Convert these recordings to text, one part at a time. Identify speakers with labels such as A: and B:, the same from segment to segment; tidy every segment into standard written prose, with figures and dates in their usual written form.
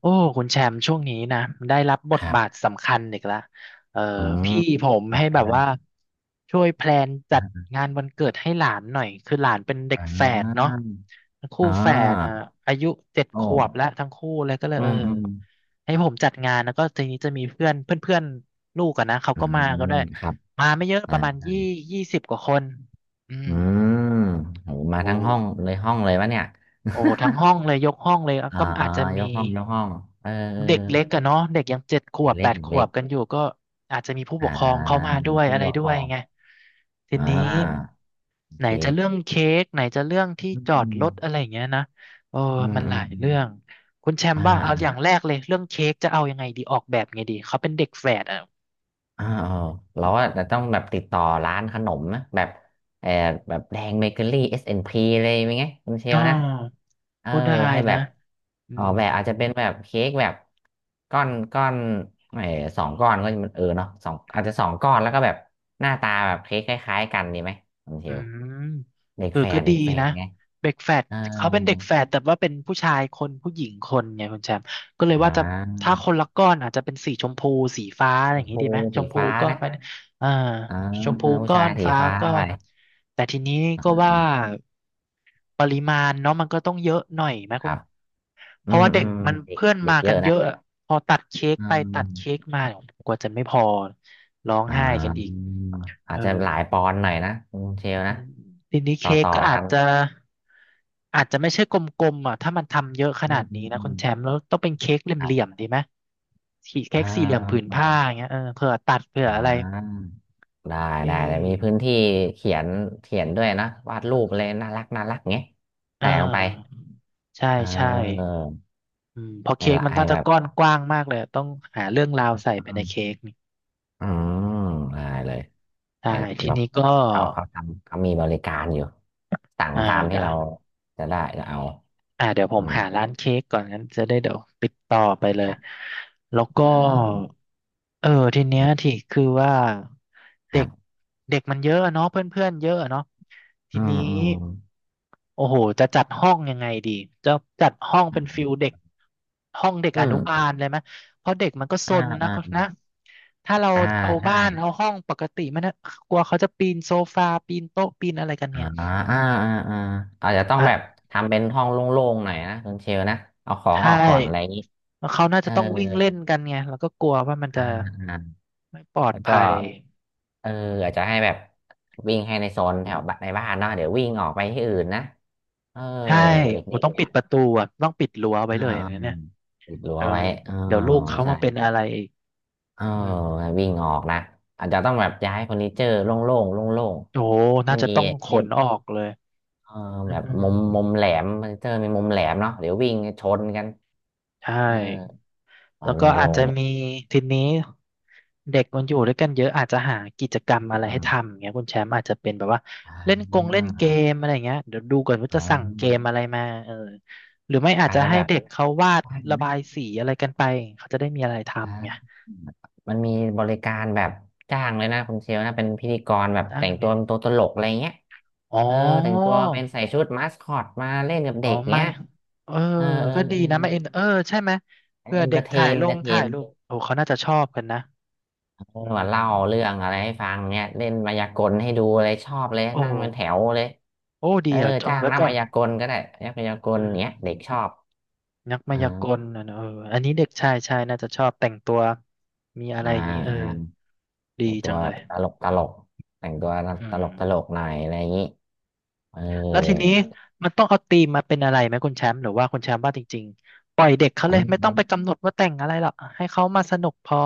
A: โอ้ คุณแชมป์ช่วงนี้นะได้รับบ
B: ค
A: ท
B: รับ
A: บาทสำคัญอีกแล้วเออ
B: อืม
A: พี่ผม
B: จั
A: ให้
B: ด
A: แบบว่าช่วยแพลนจั
B: อ
A: ด
B: ่
A: งานวันเกิดให้หลานหน่อย คือหลานเป็นเด็กแฝดเนาะ
B: า
A: คู่
B: อ่
A: แฝดอ่ะ
B: า
A: อายุเจ็ด
B: โอ้
A: ขวบแล้วทั้งคู่เลยก็เลย
B: อื
A: เออ
B: มอืม
A: ให้ผมจัดงานแล้วก็ทีนี้จะมีเพื่อนเพื่อนเพื่อนลูกอะนะเขา
B: อื
A: ก็มาก็
B: ม
A: ได้วย
B: ครับ
A: มาไม่เยอะประมาณ
B: อ่า
A: ยี่สิบกว่าคนอืม
B: อืมโหมา
A: โอ
B: ทั้งห้องเล
A: ้
B: ยห้องเลยวะเนี่ย
A: โอ้ทั้งห้องเลยยกห้องเลยอ่ะ
B: อ่า
A: ก็อาจจะ
B: ย
A: มี
B: กห้องยกห้องเออเออ
A: เด็กเล็กอะเนาะเด็กยังเจ็ดขว
B: เด็ก
A: บ
B: เล็
A: แป
B: ก
A: ด
B: เด็
A: ข
B: ก
A: ว
B: เล็ก
A: บกันอยู่ก็อาจจะมีผู้ป
B: อ่า
A: กครองเข้ามาด้วย
B: ผู้
A: อะไร
B: ปก
A: ด้
B: คร
A: ว
B: อ
A: ย
B: ง
A: ไงที
B: อ่า
A: นี้
B: โอ
A: ไหน
B: เค
A: จะเรื่องเค้กไหนจะเรื่องที่
B: อืม
A: จอ
B: อื
A: ด
B: ม
A: รถอะไรอย่างเงี้ยนะโอ้
B: อื
A: มั
B: ม
A: น
B: อื
A: ห
B: ม
A: ลา
B: อ
A: ยเรื่อง
B: ม
A: คุณแช
B: อ
A: มป์ว่าเอาอ
B: ่า
A: ย่างแรกเลยเรื่องเค้กจะเอายังไงดีออกแบบไงดีเขาเป็นเด็กแฝดอ่ะ
B: เออเราว่าจะต้องแบบติดต่อร้านขนมนะแบบเออแบบแดงเบเกอรี่ S&P เอ็นพีเลยมั้ยไงคุณเช
A: อ๋อ
B: ลนะเออ
A: ก็ได้
B: ให้แบ
A: นะ
B: บ
A: อื
B: ออก
A: ม
B: แบบอาจจะเป็นแบบเค้กแบบก้อนเออสองก้อนก็จะมันเออเนาะสองอาจจะสองก้อนแล้วก็แบบหน้าตาแบบเค้กคล้ายๆกันดีไหมคุณเช
A: อื
B: ล
A: ม
B: เด็ก
A: เออ
B: แฝ
A: ก็
B: ด
A: ดี
B: เด็กแฝ
A: นะ
B: ดไง
A: เด็กแฝด
B: เออ
A: เขาเป็นเด็กแฝดแต่ว่าเป็นผู้ชายคนผู้หญิงคนไงคุณแชมป์ก็เลย
B: อ่
A: ว่าจะถ้า
B: า
A: คนละก้อนอาจจะเป็นสีชมพูสีฟ้าอะไรอย่าง
B: ช
A: งี้ดี
B: มู
A: ไหมช
B: สี
A: มพู
B: ฟ้า
A: ก้อน
B: นะ
A: ไปอ่า
B: อ่า
A: ชมพู
B: ผู้
A: ก้อ
B: ชาย
A: น
B: สี
A: ฟ้า
B: ฟ้า
A: ก้อ
B: ไป
A: นแต่ทีนี้
B: อ่
A: ก็ว่า
B: า
A: ปริมาณเนาะมันก็ต้องเยอะหน่อยไหม
B: ค
A: คุ
B: รั
A: ณ
B: บ
A: เพ
B: อื
A: ราะ
B: ม
A: ว่า
B: อื
A: เด็ก
B: ม
A: มัน
B: เด็ก
A: เพื่อน
B: เด็ก
A: มา
B: เย
A: กัน
B: อะ
A: เย
B: นะ
A: อะอะพอตัดเค้ก
B: อื
A: ไปตัดเค้ก
B: ม
A: มากว่าจะไม่พอร้อง
B: อ่
A: ไห้กันอีก
B: าอา
A: เอ
B: จ
A: อ
B: จะหลายปอนด์หน่อยนะคุณเชล
A: อื
B: นะ
A: มทีนี้
B: ต่อ
A: เค้ก
B: ต่อ
A: ก็อา
B: กั
A: ค
B: น
A: จรับจะอาจจะไม่ใช่กลมๆอ่ะถ้ามันทำเยอะข
B: อื
A: นา
B: ม
A: ด
B: อื
A: นี้
B: ม
A: นะ
B: อื
A: คุ
B: ม
A: ณแชมป์แล้วต้องเป็นเค้กเหล
B: ครั
A: ี่ย
B: บ
A: มๆดีไหมขีดเค้
B: อ่า
A: กสี่เหลี่ยมอผืนผ้าอ
B: อ่า
A: ย่างเงี้ยเออเผื่อตัดเผื่อ
B: อ่า
A: อะไร
B: อ่าได้
A: เอ
B: ได้แต่มีพื้
A: อ
B: นที่เขียนเขียนด้วยนะวาดรูปเลยน่ารักน่ารักเงี้ย
A: เอ
B: ใส่ลงไป
A: อใช่
B: เ
A: ใช่
B: ออ
A: อืมเพอ
B: ให้
A: เค้ก
B: ละ
A: มัน
B: ให้
A: น่าจะ
B: แบบ
A: ก้อนกว้างมากเลยต้องหาเรื่องราว
B: อื
A: ใส่ไปในเค้
B: ม
A: กนี่
B: อืมได้เลย
A: ใช่
B: ไอ้
A: ที
B: แบบ
A: นี้ก็
B: เขาทำเขามีบริการอยู่สั่ง
A: อ่า
B: ตามที่
A: ได้
B: เราจะได้จะเอา
A: อ่าเดี๋ยวผ
B: อื
A: ม
B: ม
A: หาร้านเค้กก่อนงั้นจะได้เดี๋ยวติดต่อไปเลยแล้ว
B: อ่
A: ก็
B: า
A: เออทีเนี้ยที่คือว่า
B: ค
A: เด็
B: รั
A: ก
B: บ
A: เด็กมันเยอะอะเนาะเพื่อนเพื่อนเยอะอะเนาะที
B: อื
A: นี้
B: มอืม
A: โอ้โหจะจัดห้องยังไงดีจะจัดห้องเป็นฟิลเด็กห้องเด็ก
B: อื
A: อนุบา
B: ม
A: ลเลยไหมเพราะเด็กมันก็ซ
B: อ่า
A: นนะ
B: อ่า
A: เขานะถ้าเรา
B: อ่า
A: เอา
B: ใช่
A: บ้านเอาห้องปกติมันนะกลัวเขาจะปีนโซฟาปีนโต๊ะปีนอะไรกัน
B: อ่า
A: เนี่ย
B: อ่าอ่าอ่าอาจจะต้องแบบทำเป็นห้องโล่งๆหน่อยนะคุณเชลนะ เอาขอ
A: ใช
B: งออกก่อนอะ
A: ่
B: ไรอย่างนี้
A: แล้วเขาน่า
B: เอ
A: จะ
B: อ
A: ต้องวิ่งเล่นกันไง แล้วก็กลัวว่ามัน
B: อ่า
A: จะ
B: อ่า
A: ไม่ปลอด
B: แล้วก็
A: ภัย
B: เอออาจจะให้แบบวิ่งให้ในโซนแถวบ้านในบ้านเนาะเดี๋ยววิ่งออกไปที่อื่นนะเออ
A: ใช่โอ้
B: เด็ก
A: ต้อ
B: ๆ
A: ง
B: เนี่
A: ปิ
B: ย
A: ดประตูอ่ะต้องปิดรั้วไว้
B: อ่า
A: เลยอย่างนั้นเนี่ย
B: อิดรั้ว
A: เออ
B: ไว้อ๋อ
A: เดี๋ยวลูกเขา
B: ใช่
A: มาเป็นอะไรอีก
B: เออ
A: อืม
B: วิ่งออกนะอาจจะต้องแบบย้ายเฟอร์นิเจอร์โล่งๆโล่ง
A: โอ้
B: ๆ
A: น่า
B: ไม่
A: จะ
B: มี
A: ต้องข
B: ไม่
A: นออกเลย
B: เออ
A: อื
B: แบบ
A: ม
B: มุมแหลมเฟอร์นิเจอร์มีมุมแหลมเนาะเดี๋ยววิ่งชนกัน
A: ใช่
B: เออควา
A: แล้ว
B: ม
A: ก็อา
B: โล่
A: จ
B: ง
A: จะ
B: ๆเลย
A: มีทีนี้เด็กมันอยู่ด้วยกันเยอะอาจจะหากิจกรรม
B: อืม
A: อะไร
B: อื
A: ให้
B: ม
A: ทำอย่างเงี้ยคุณแชมป์อาจจะเป็นแบบว่า
B: อ่
A: เล่นกง
B: า
A: เล่นเกมอะไรอย่างเงี้ยเดี๋ยวดูก่อนว่า
B: อ๋
A: จะสั่งเกม
B: อ
A: อะไรมาเออหรือไม่อาจ
B: อาจ
A: จะ
B: จะ
A: ให้
B: แบบ
A: เด็กเขาวาด
B: ได้
A: ระ
B: ไหม
A: บายสีอะไรกันไปเขาจะได้มีอะไรทำไง
B: อ่ามันมีบริการแบบจ้างเลยนะคุณเชลนะเป็นพิธีกรแบบ
A: ได้
B: แต่ง
A: ไง
B: ตัวเป็นตัวตลกอะไรเงี้ย
A: อ๋อ
B: เออแต่งตัวเป็นใส่ชุดมาสคอตมาเล่นกับ
A: อ๋อ
B: เด็ก
A: ไม่
B: เงี้ย
A: เออ
B: เออเออ
A: ก็ดี
B: เออ
A: นะไม่เอ็นเออใช่ไหมเพื่อ
B: เอน
A: เด็
B: เตอ
A: ก
B: ร์เท
A: ถ่าย
B: น
A: ล
B: เอนเต
A: ง
B: อร์เท
A: ถ่าย
B: น
A: รูปโอ้เขาน่าจะชอบกันนะ
B: เออ
A: อื
B: มาเล่าเรื่
A: ม
B: องอะไรให้ฟังเนี่ยเล่นมายากลให้ดูอะไรชอบเลย
A: โอ้
B: นั่งเป็นแถวเลย
A: โอ้ดี
B: เออ
A: อ่ะจด
B: จ้าง
A: ไว้
B: นัก
A: ก่อ
B: มา
A: น
B: ยากลก็ได้นักมายาก
A: เอ
B: ลเนี้ยเด็
A: อ
B: กชอบ
A: นักมา
B: อ่
A: ยาก
B: า
A: ลนะเนอะเอออันนี้เด็กชายชายน่าจะชอบแต่งตัวมีอะไร
B: อ่า
A: อย่างนี้เออ
B: อ่า
A: ดี
B: แต่งตั
A: จั
B: ว
A: ง
B: แบ
A: เล
B: บ
A: ย
B: ตลกแต่งตัว
A: อื
B: ตลก
A: ม
B: ตลกหน่อยอะไรอย่างนี้เออ
A: แล้วทีนี้มมันต้องเอาธีมมาเป็นอะไรไหมคุณแชมป์หรือว่าคุณแชมป์ว่าจริงๆปล่อยเด็กเขาเลยไม่ต้องไปกำหนดว่าแต่งอะไรหรอกให้เขามาสนุกพอ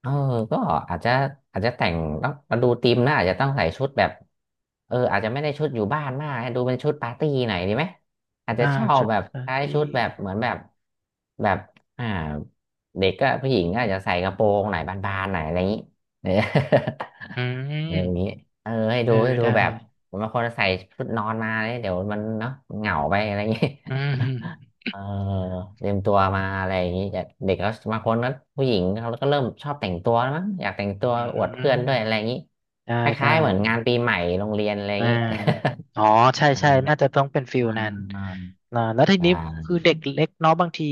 B: เออก็อาจจะอาจจะแต่งต้องมาดูธีมนะอาจจะต้องใส่ชุดแบบเอออาจจะไม่ได้ชุดอยู่บ้านมากให้ดูเป็นชุดปาร์ตี้หน่อยดีไหมอาจจะ
A: อ่า
B: เช่า
A: ชุด
B: แบบ
A: ปาร์
B: ใช้
A: ตี้
B: ชุดแบบเหมือนแบบแบบอ่าเด็กก็ผู้หญิงก็อาจจะใส่กระโปรงหน่อยบานๆหน่อยอะไรอย่างนี้เออ
A: อื
B: อะไรอย่าง
A: ม
B: นี้เออให้
A: เอ
B: ดู
A: อ
B: ให้ดู
A: ได้
B: แบบบางคนใส่ชุดนอนมาเนี่ยเดี๋ยวมันเนาะเหงาไปอะไรอย่างนี้
A: อืมอืม
B: เออเตรียมตัวมาอะไรอย่างนี้แต่เด็กก็บางคนก็ผู้หญิงเขาก็เริ่มชอบแต่งตัวแล้วมั้งอยากแต่งตัวอวดเพื่อนด้วยอะไรอย่างนี้
A: ได้
B: ค
A: ได้
B: ล้ายๆเหมือนงานปีใหม่โรงเรียนอะไรอย่า
A: อ่า
B: งนี้
A: อ๋อใช่ใช่ น่า
B: อ
A: จะต้องเป็นฟิลนั้น
B: า
A: อ่าแล้วที
B: อ่
A: นี้คือ
B: า
A: เด็กเล็กเนาะบางที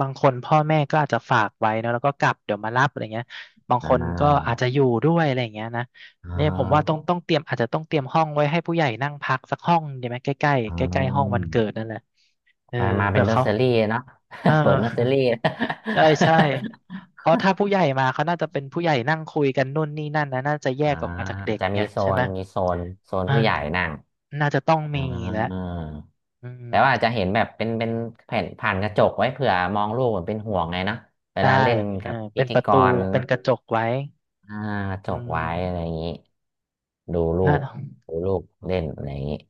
A: บางคนพ่อแม่ก็อาจจะฝากไว้เนอะแล้วก็กลับเดี๋ยวมารับอะไรเงี้ยบาง
B: อ่
A: คนก็อา
B: า
A: จจะอยู่ด้วยอะไรอย่างเงี้ยนะ
B: อ่าอ่
A: เนี่ยผมว่าต้อ
B: า
A: งต้องเตรียมอาจจะต้องเตรียมห้องไว้ให้ผู้ใหญ่นั่งพักสักห้องดีไหมใกล้ใกล้
B: อ่า
A: ใกล้ๆใก
B: อ่
A: ล้ๆห้องวั
B: า
A: นเกิดนั่นแหละเออ
B: ไปมาเป็
A: เผื่
B: น
A: อ
B: เนอร์
A: เขา
B: เซอรี่เนาะ
A: เออ
B: เปิดเนอร์เซอรี่
A: ใช่ใช่เพราะถ้าผู้ใหญ่มาเขาน่าจะเป็นผู้ใหญ่นั่งคุยกันนู่นนี่นั่นนะน่าจะแย
B: อ่า
A: กออกมาจากเด็ก
B: จะ
A: ไง
B: มีโซ
A: ใช่ไห
B: น
A: ม
B: มีโซนโซน
A: อ่า
B: ผู้ใหญ่นั่ง
A: น่าจะต้องมี
B: อ่
A: แล้ว
B: า
A: อืม
B: แต่ว่าจะเห็นแบบเป็นแผ่นผ่านกระจกไว้เผื่อมองลูกเหมือนเป็นห่วงไงนะเว
A: ได้
B: ลาเล่น
A: เออ
B: กับพิ
A: เป็น
B: ธี
A: ประ
B: ก
A: ตู
B: ร
A: เป็นกระจกไว้
B: อ่ากระจ
A: อื
B: กไว้อะไร
A: ม
B: อย่างนี้ ดูลู
A: น่า
B: กดูลูกเล่นอะไรอย่างนี้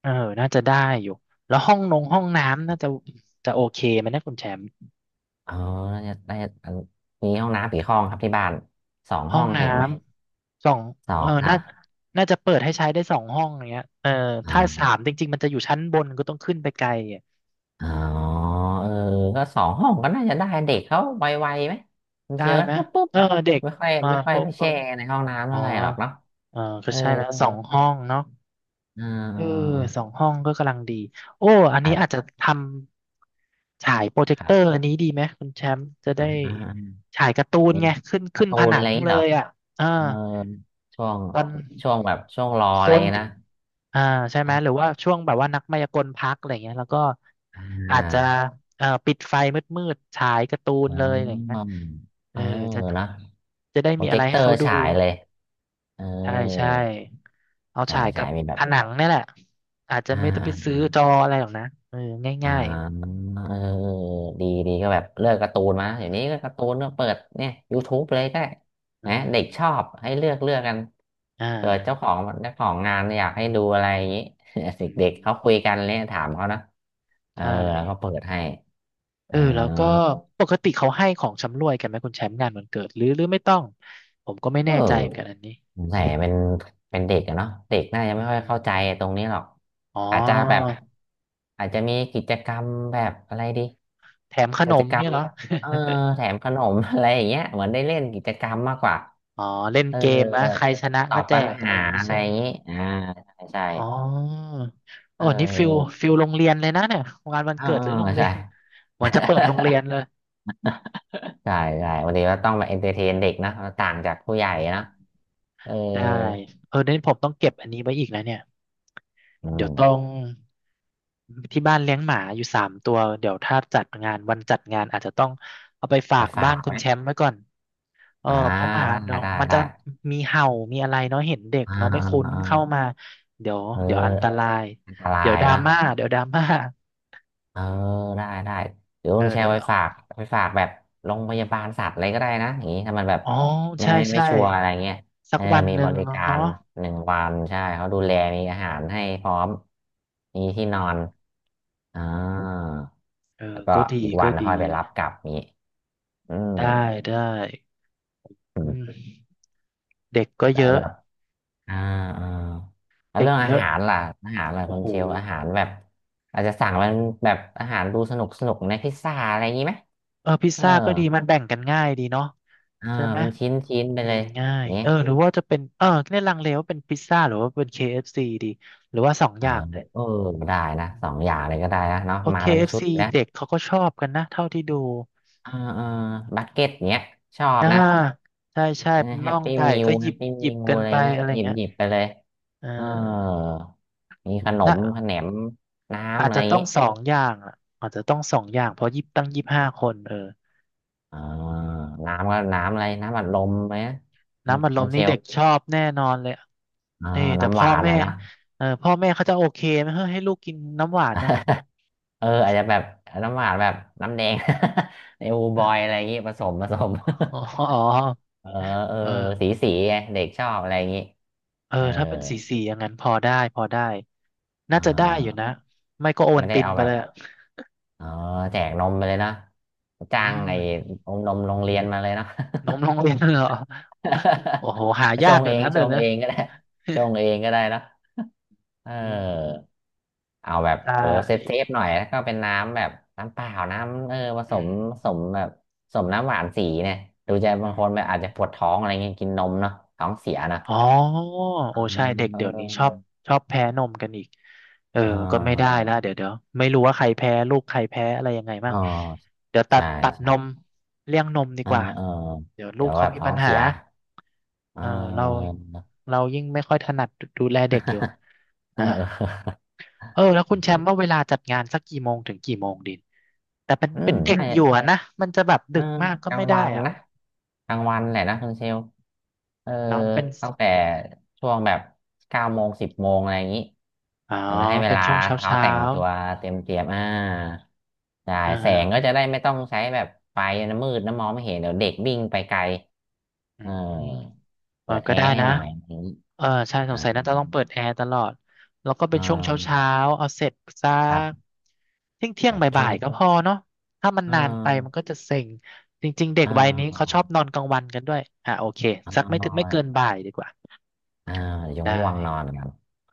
A: เออน่าจะได้อยู่แล้วห้องนงห้องน้ำน่าจะจะโอเคไหมนะคุณแชมป์
B: อ๋อน่าจะได้อันมีห้องน้ำกี่ห้องครับที่บ้านสอง
A: ห้อ
B: ห้อ
A: ง
B: ง
A: น้
B: ถึงไหม
A: ำสอง
B: สอ
A: เออ
B: งอ่ะ
A: น่าน่าจะเปิดให้ใช้ได้2 ห้องอย่างเงี้ยเออ
B: อ่า
A: ถ้าสามจริงๆมันจะอยู่ชั้นบนก็ต้องขึ้นไปไกล
B: อ๋อเออก็สองห้องก็น่าจะได้เด็กเขาไวๆไหมมัน
A: ได้
B: เชียวนะ
A: ไหม
B: ปุ๊บปุ๊บ
A: เออ
B: อะ
A: เด็ก
B: ไม่ค่อย
A: มา
B: ไม่ค่อย
A: ปุ๊
B: ไป
A: บเออ
B: แช่ในห้องน้ำ
A: อ๋อ
B: เท่าไหร่หรอกเนาะ
A: เออก็
B: เออ
A: ใช่ไหมส
B: เอ
A: องห้องเนาะเออ
B: อ
A: สองห้องก็กำลังดีโอ้อันนี้อาจ
B: อ่า
A: จะทำฉายโปรเจ
B: ค
A: คเต
B: รั
A: อร์อั
B: บ
A: นนี้ดีไหมคุณแชมป์จะ
B: อ
A: ได้
B: ่า
A: ฉายการ์ตูน
B: มี
A: ไงขึ้น
B: กา
A: ขึ้
B: ร์
A: น
B: ตู
A: ผ
B: น
A: นั
B: อะไร
A: ง
B: อย่างงี้
A: เล
B: เหรอ
A: ยอ่ะอ่า
B: เออช่วง
A: ตอน
B: ช่วงแบบช่วงรอ
A: โซ
B: อะไร่
A: น
B: นะ
A: อ่าใช่ไหมหรือ
B: อ่า
A: ว่าช่วงแบบว่านักมายากลพักอะไรเงี้ยแล้วก็
B: อ
A: อาจจะปิดไฟมืดๆฉายการ์ตูนเลยอะไรเงี้
B: อ
A: ยเอ
B: เอ
A: อ
B: อ
A: จะ
B: นะ
A: จะได้
B: โปร
A: มี
B: เจ
A: อะไร
B: คเต
A: ให้
B: อร์
A: เขาดู
B: ฉายเลยเอ
A: ใช่ใช่
B: อ
A: เอา
B: ใช่
A: ฉายกั
B: ใช่
A: บ
B: มีแบ
A: ผ
B: บ
A: นังนี่แหละอาจจะ
B: อ่
A: ไม่ต้องไปซื้อ
B: า
A: จออะไรหรอกนะเออ
B: อ่า
A: ง่าย
B: เออดีดีก็แบบเลือกการ์ตูนมา
A: ๆอื
B: เดี๋ยว
A: ม
B: นี้ก็การ์ตูนก็เปิดเนี่ย YouTube เลยก็ได้
A: อื
B: นะเด็กชอ
A: ม
B: บให้เลือกเลือกกัน
A: อ่
B: เปิดเจ้า
A: า
B: ของเจ้าของงานอยากให้ดูอะไรอย่างนี้ เ
A: อื
B: ด็กๆเขาคุย
A: ม
B: กันเลยถามเขานะเออ
A: ใช่
B: แล้วก็เปิดให้
A: เอ
B: อ่า
A: อแล้วก็ปกติเขาให้ของชำร่วยกันไหมคุณแชมป์งานวันเกิดหรือหรือไม่ต้องผมก็ไม่
B: เอ
A: แน่ใจเหมือนกัน
B: อ
A: อันนี้
B: สงสัยเป็นเป็นเด็กอะเนาะเด็กน่าจะ
A: อื
B: ไม่
A: ม
B: ค่อย
A: อืม
B: เข้า
A: อ
B: ใจ
A: ม
B: ตรงนี้หรอก
A: อ๋
B: อาจจะแบบ
A: อ
B: อาจจะมีกิจกรรมแบบอะไรดี
A: แถมขน
B: กิจ
A: ม
B: กรร
A: เนี่
B: ม
A: ยเหรอ
B: เออแถมขนม อะไรอย่างเงี้ยเหมือนได้เล่นกิจกรรมมากกว่า
A: อ๋อเล่น
B: เออ
A: เกมนะใครชนะ
B: ตอ
A: ก็
B: บ
A: แจ
B: ปัญ
A: กอะไร
B: หา
A: อย่างงี้
B: อะไร
A: ใช่
B: อ
A: ไหม
B: ย่างงี้อ่าใช่
A: อ๋อโอ้
B: เอ
A: นี่ฟิล
B: อ
A: ฟิลโรงเรียนเลยนะเนี่ยงานวัน
B: เออ
A: เกิด
B: เอ
A: ห
B: อ
A: รือโรงเรี
B: ใช่
A: ยนเหมือนจะเปิดโรงเรียนเลย
B: ใช่ใช่
A: อื
B: วันนี้
A: ม
B: ว่าต้องมาเอนเตอร์เทนเด็กนะต่างจากผู้ใหญ่
A: อื
B: นะ
A: ม
B: เออ
A: ได้เออเนี่ผมต้องเก็บอันนี้ไว้อีกแล้วเนี่ย
B: อื
A: เดี๋ยว
B: ม
A: ต้องที่บ้านเลี้ยงหมาอยู่สามตัวเดี๋ยวถ้าจัดงานวันจัดงานอาจจะต้องเอาไปฝา
B: ไป
A: ก
B: ฝา
A: บ้า
B: ก
A: นคุ
B: ไหม
A: ณแชมป์ไว้ก่อนเออ
B: อ่า
A: เพราะหมา
B: ได้
A: เนาะ
B: ได้
A: มัน
B: ได้
A: จะมีเห่ามีอะไรเนาะเห็นเด็ก
B: อ่า
A: เนาะไม่
B: อ่า
A: คุ้น
B: อ่า
A: เข้ามาเดี๋ยว
B: เอ
A: เดี๋ยวอันตรา
B: อ
A: ย
B: อันต
A: เดี๋
B: รา
A: ยว
B: ย
A: ดรา
B: นะ
A: ม่าเดี๋ยวดราม่า
B: เออได้ได้เดี๋ยว
A: เอ
B: คุณ
A: อ
B: แช
A: เดี๋ย
B: ร์
A: ว
B: ไว้ฝากไปฝากแบบโรงพยาบาลสัตว์อะไรก็ได้นะอย่างนี้ถ้ามันแบบ
A: อ๋อ
B: ไม่
A: ใช่
B: ไม่ไม่
A: ใช่
B: ชัวร์อะไรเงี้ย
A: สั
B: เอ
A: ก
B: อ
A: วัน
B: มี
A: หนึ่
B: บ
A: ง
B: ริกา
A: เนาะ
B: รหนึ่งวันใช่เขาดูแลมีอาหารให้พร้อมมีที่
A: อื
B: นอน
A: ม
B: อ่า
A: เออ
B: แล้วก็
A: ก็ดี
B: อีกวั
A: ก็
B: นค่
A: ดี
B: อยไปรับกลับนี้อืม
A: ได้ได้อืม เด็กก็
B: แล้
A: เย
B: ว
A: อะ
B: แบบ อ่าอ่าแล้ว
A: เด็ก
B: เรื่อง
A: เย
B: อา
A: อะ
B: หารล่ะอาหารล่ะ
A: โอ้
B: คุณ
A: โห
B: เชลอาหารแบบอาจจะสั่งเป็นแบบอาหารดูสนุกสนุกในพิซซ่าอะไรอย่างนี้ไหม
A: เออพิซ
B: เออ
A: ซ่าก็ดีมันแบ่งกันง่ายดีเนาะ
B: เออ
A: ใช่ไหม
B: เป็นชิ้นชิ้นไป
A: กิ
B: เล
A: น
B: ย
A: ง่า
B: อ
A: ย
B: ย่างงี้
A: เออหรือว่าจะเป็นเออเนี่ยลังเลว่าเป็นพิซซ่าหรือว่าเป็นเคเอฟซีดีหรือว่าสอง
B: เอ
A: อ
B: อ
A: ย่างเลย
B: เออได้นะสองอย่างเลยก็ได้นะเนาะ
A: เพราะ
B: มา
A: เค
B: เป็น
A: เอฟ
B: ชุด
A: ซี
B: นะ
A: เด็กเขาก็ชอบกันนะเท่าที่ดู
B: เออเออบัคเก็ตเนี้ยชอบ
A: อ่า
B: นะ
A: ใช่ใช่เป็น
B: แฮ
A: น่อ
B: ป
A: ง
B: ปี้
A: ไก่
B: มิว
A: ก็ห
B: แฮ
A: ยิบ
B: ปปี้
A: หยิ
B: มิ
A: บ
B: ว
A: กัน
B: อะไร
A: ไป
B: เงี้ย
A: อะไร
B: หยิบ
A: เงี้ย
B: หยิบไปเลย
A: เอ
B: เออ
A: อ
B: มีขน
A: นะ
B: มขนมน้ำ
A: อาจ
B: อะไร
A: จะ
B: อย่าง
A: ต้อง
B: งี้
A: สองอย่างอ่ะอาจจะต้องสองอย่างเพราะยิบตั้งยี่สิบห้าคนเออ
B: อ่าน้ำก็น้ำอะไรน้ำอัดลมไหม
A: น้ำอัดล
B: มั
A: ม
B: นเช
A: นี่เด็ก
B: ล
A: ชอบแน่นอนเลยอะ
B: อ่า
A: เออแต่
B: น้ำห
A: พ่อ
B: วานแห
A: แม่
B: ละนะ
A: เออพ่อแม่เขาจะโอเคไหมเฮ้ยให้ลูกกินน้ำหวานเนี่ย
B: เอออาจจะแบบน้ำหวานแบบน้ำแดง ในอูบอยอะไรอย่างงี้ผสมผสม
A: อ๋ออ๋อ
B: เออเออ
A: เออ
B: สีสีไงเด็กชอบอะไรอย่างงี้
A: เออ
B: เออ
A: ถ้าเป็นสีสีอย่างนั้นพอได้พอได้น่า
B: อ่
A: จะได้อยู่นะ
B: า
A: ไม่ก็โอวั
B: ไม่
A: ล
B: ได้
A: ติน
B: เอา
A: ไป
B: แบ
A: เล
B: บ
A: ยอะ
B: เออแจกนมไปเลยนะจ้า
A: อื
B: ง
A: ม
B: ไอ้อมนมโรงเรียนมาเลยเนาะ
A: นมโรงเรียนเหรอโอ้โหหา
B: ช
A: ยาก
B: ง
A: อยู่
B: เอง
A: นะ
B: ช
A: เดี๋ยว
B: ง
A: นะ
B: เองก็ได้ชงเองก็ได้เนาะเออ
A: อืม
B: เอาแบบ
A: ได
B: เออเซฟเซ
A: ้
B: ฟหน่อยแล้วก็เป็นน้ำแบบน้ำเปล่าน้ำเออผส
A: อืม
B: มผสมแบบผสมน้ำหวานสีเนี่ยดูจะบา
A: อื
B: ง
A: ม
B: คนแบบอาจจะปวดท้องอะไรเงี้ยกินนมเนาะท้องเสียเนาะ
A: อ๋อโอ้
B: อ่า
A: ใช่เด็ก
B: เอ
A: เดี๋ยวนี้ชอบ
B: อ
A: ชอบแพ้นมกันอีกเออ
B: เ
A: ก็ไม่ได้
B: ออ
A: ละเดี๋ยวเดี๋ยวไม่รู้ว่าใครแพ้ลูกใครแพ้อะไรยังไง
B: เอ
A: บ้าง
B: อ
A: เดี๋ยวตั
B: ใช่
A: ดตัดนม
B: ใช่
A: เลี่ยงนมดี
B: เออ
A: กว่า
B: เออ
A: เดี๋ยวลู
B: เดี๋ย
A: ก
B: วแบ
A: เขา
B: บ
A: มี
B: ท้อ
A: ปั
B: ง
A: ญหา
B: เสียเอ
A: เออเรา
B: อ
A: เรายิ่งไม่ค่อยถนัดดูแลเด็กอยู่
B: เ
A: อ่า
B: ออ
A: เออแล้วคุณแชมป์ว่าเวลาจัดงานสักกี่โมงถึงกี่โมงดินแต่เป็น
B: อื
A: เป็
B: ม
A: นเด็ก
B: น่า
A: อ
B: จะ
A: ยู่อะนะมันจะแบบ
B: เอ
A: ดึ
B: อ
A: กมากก็
B: กลา
A: ไม่
B: ง
A: ได้
B: วัน
A: อ่ะ
B: นะกลางวันแหละนะคุณเชลเออ
A: เนาะเป็น
B: ตั้งแต่ช่วงแบบ9 โมง10 โมงอะไรอย่างนี้
A: อ๋อ
B: เออให้เว
A: เป็น
B: ลา
A: ช่วงเช้า
B: เอา
A: เช้า
B: แต่งตัวเตรียมเตรียมอ่าใช่
A: อ่
B: แสงก็จะ
A: า
B: ได้ไม่ต้องใช้แบบไฟนะมืดนะมองไม่เห็นเดี๋ยวเด็กวิ่งไปไกล
A: อื
B: เออ
A: มเออ
B: เปิด
A: ก็
B: แอ
A: ได้
B: ร์ให้
A: นะ
B: หน่อยอะไรอย่างนี้
A: เออใช่ส
B: อ่า
A: งสัยน่าจะต้องเปิดแอร์ตลอดแล้วก็เป็
B: อ่
A: นช่วงเช้าเช้า
B: า
A: เอาเสร็จสั
B: ครั
A: ก
B: บ
A: เที่ยงเที่ย
B: แบ
A: ง
B: บช่ว
A: บ่า
B: ง
A: ยๆก็พอเนาะถ้ามัน
B: อ่
A: นานไปมัน
B: า
A: ก็จะเซ็งจริงๆเด็ก
B: อ่
A: วัยนี้เขาช
B: า
A: อบนอนกลางวันกันด้วยอ่ะโอเค
B: อ่
A: สักไม่ถึงไม่เกิ
B: า
A: นบ่ายดีกว่า
B: อ่าเดี๋ยว
A: ได้
B: ง่วงนอนกัน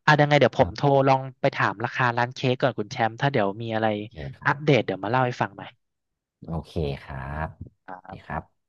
A: อ่ะยังไงเดี๋ยวผ
B: อ่า
A: มโทรลองไปถามราคาร้านเค้กก่อนคุณแชมป์ถ้าเดี๋ยวมีอะไร
B: โอ
A: อ่ะ
B: เค
A: เดี๋ยวมาเล่า
B: โอเคครับดีครับ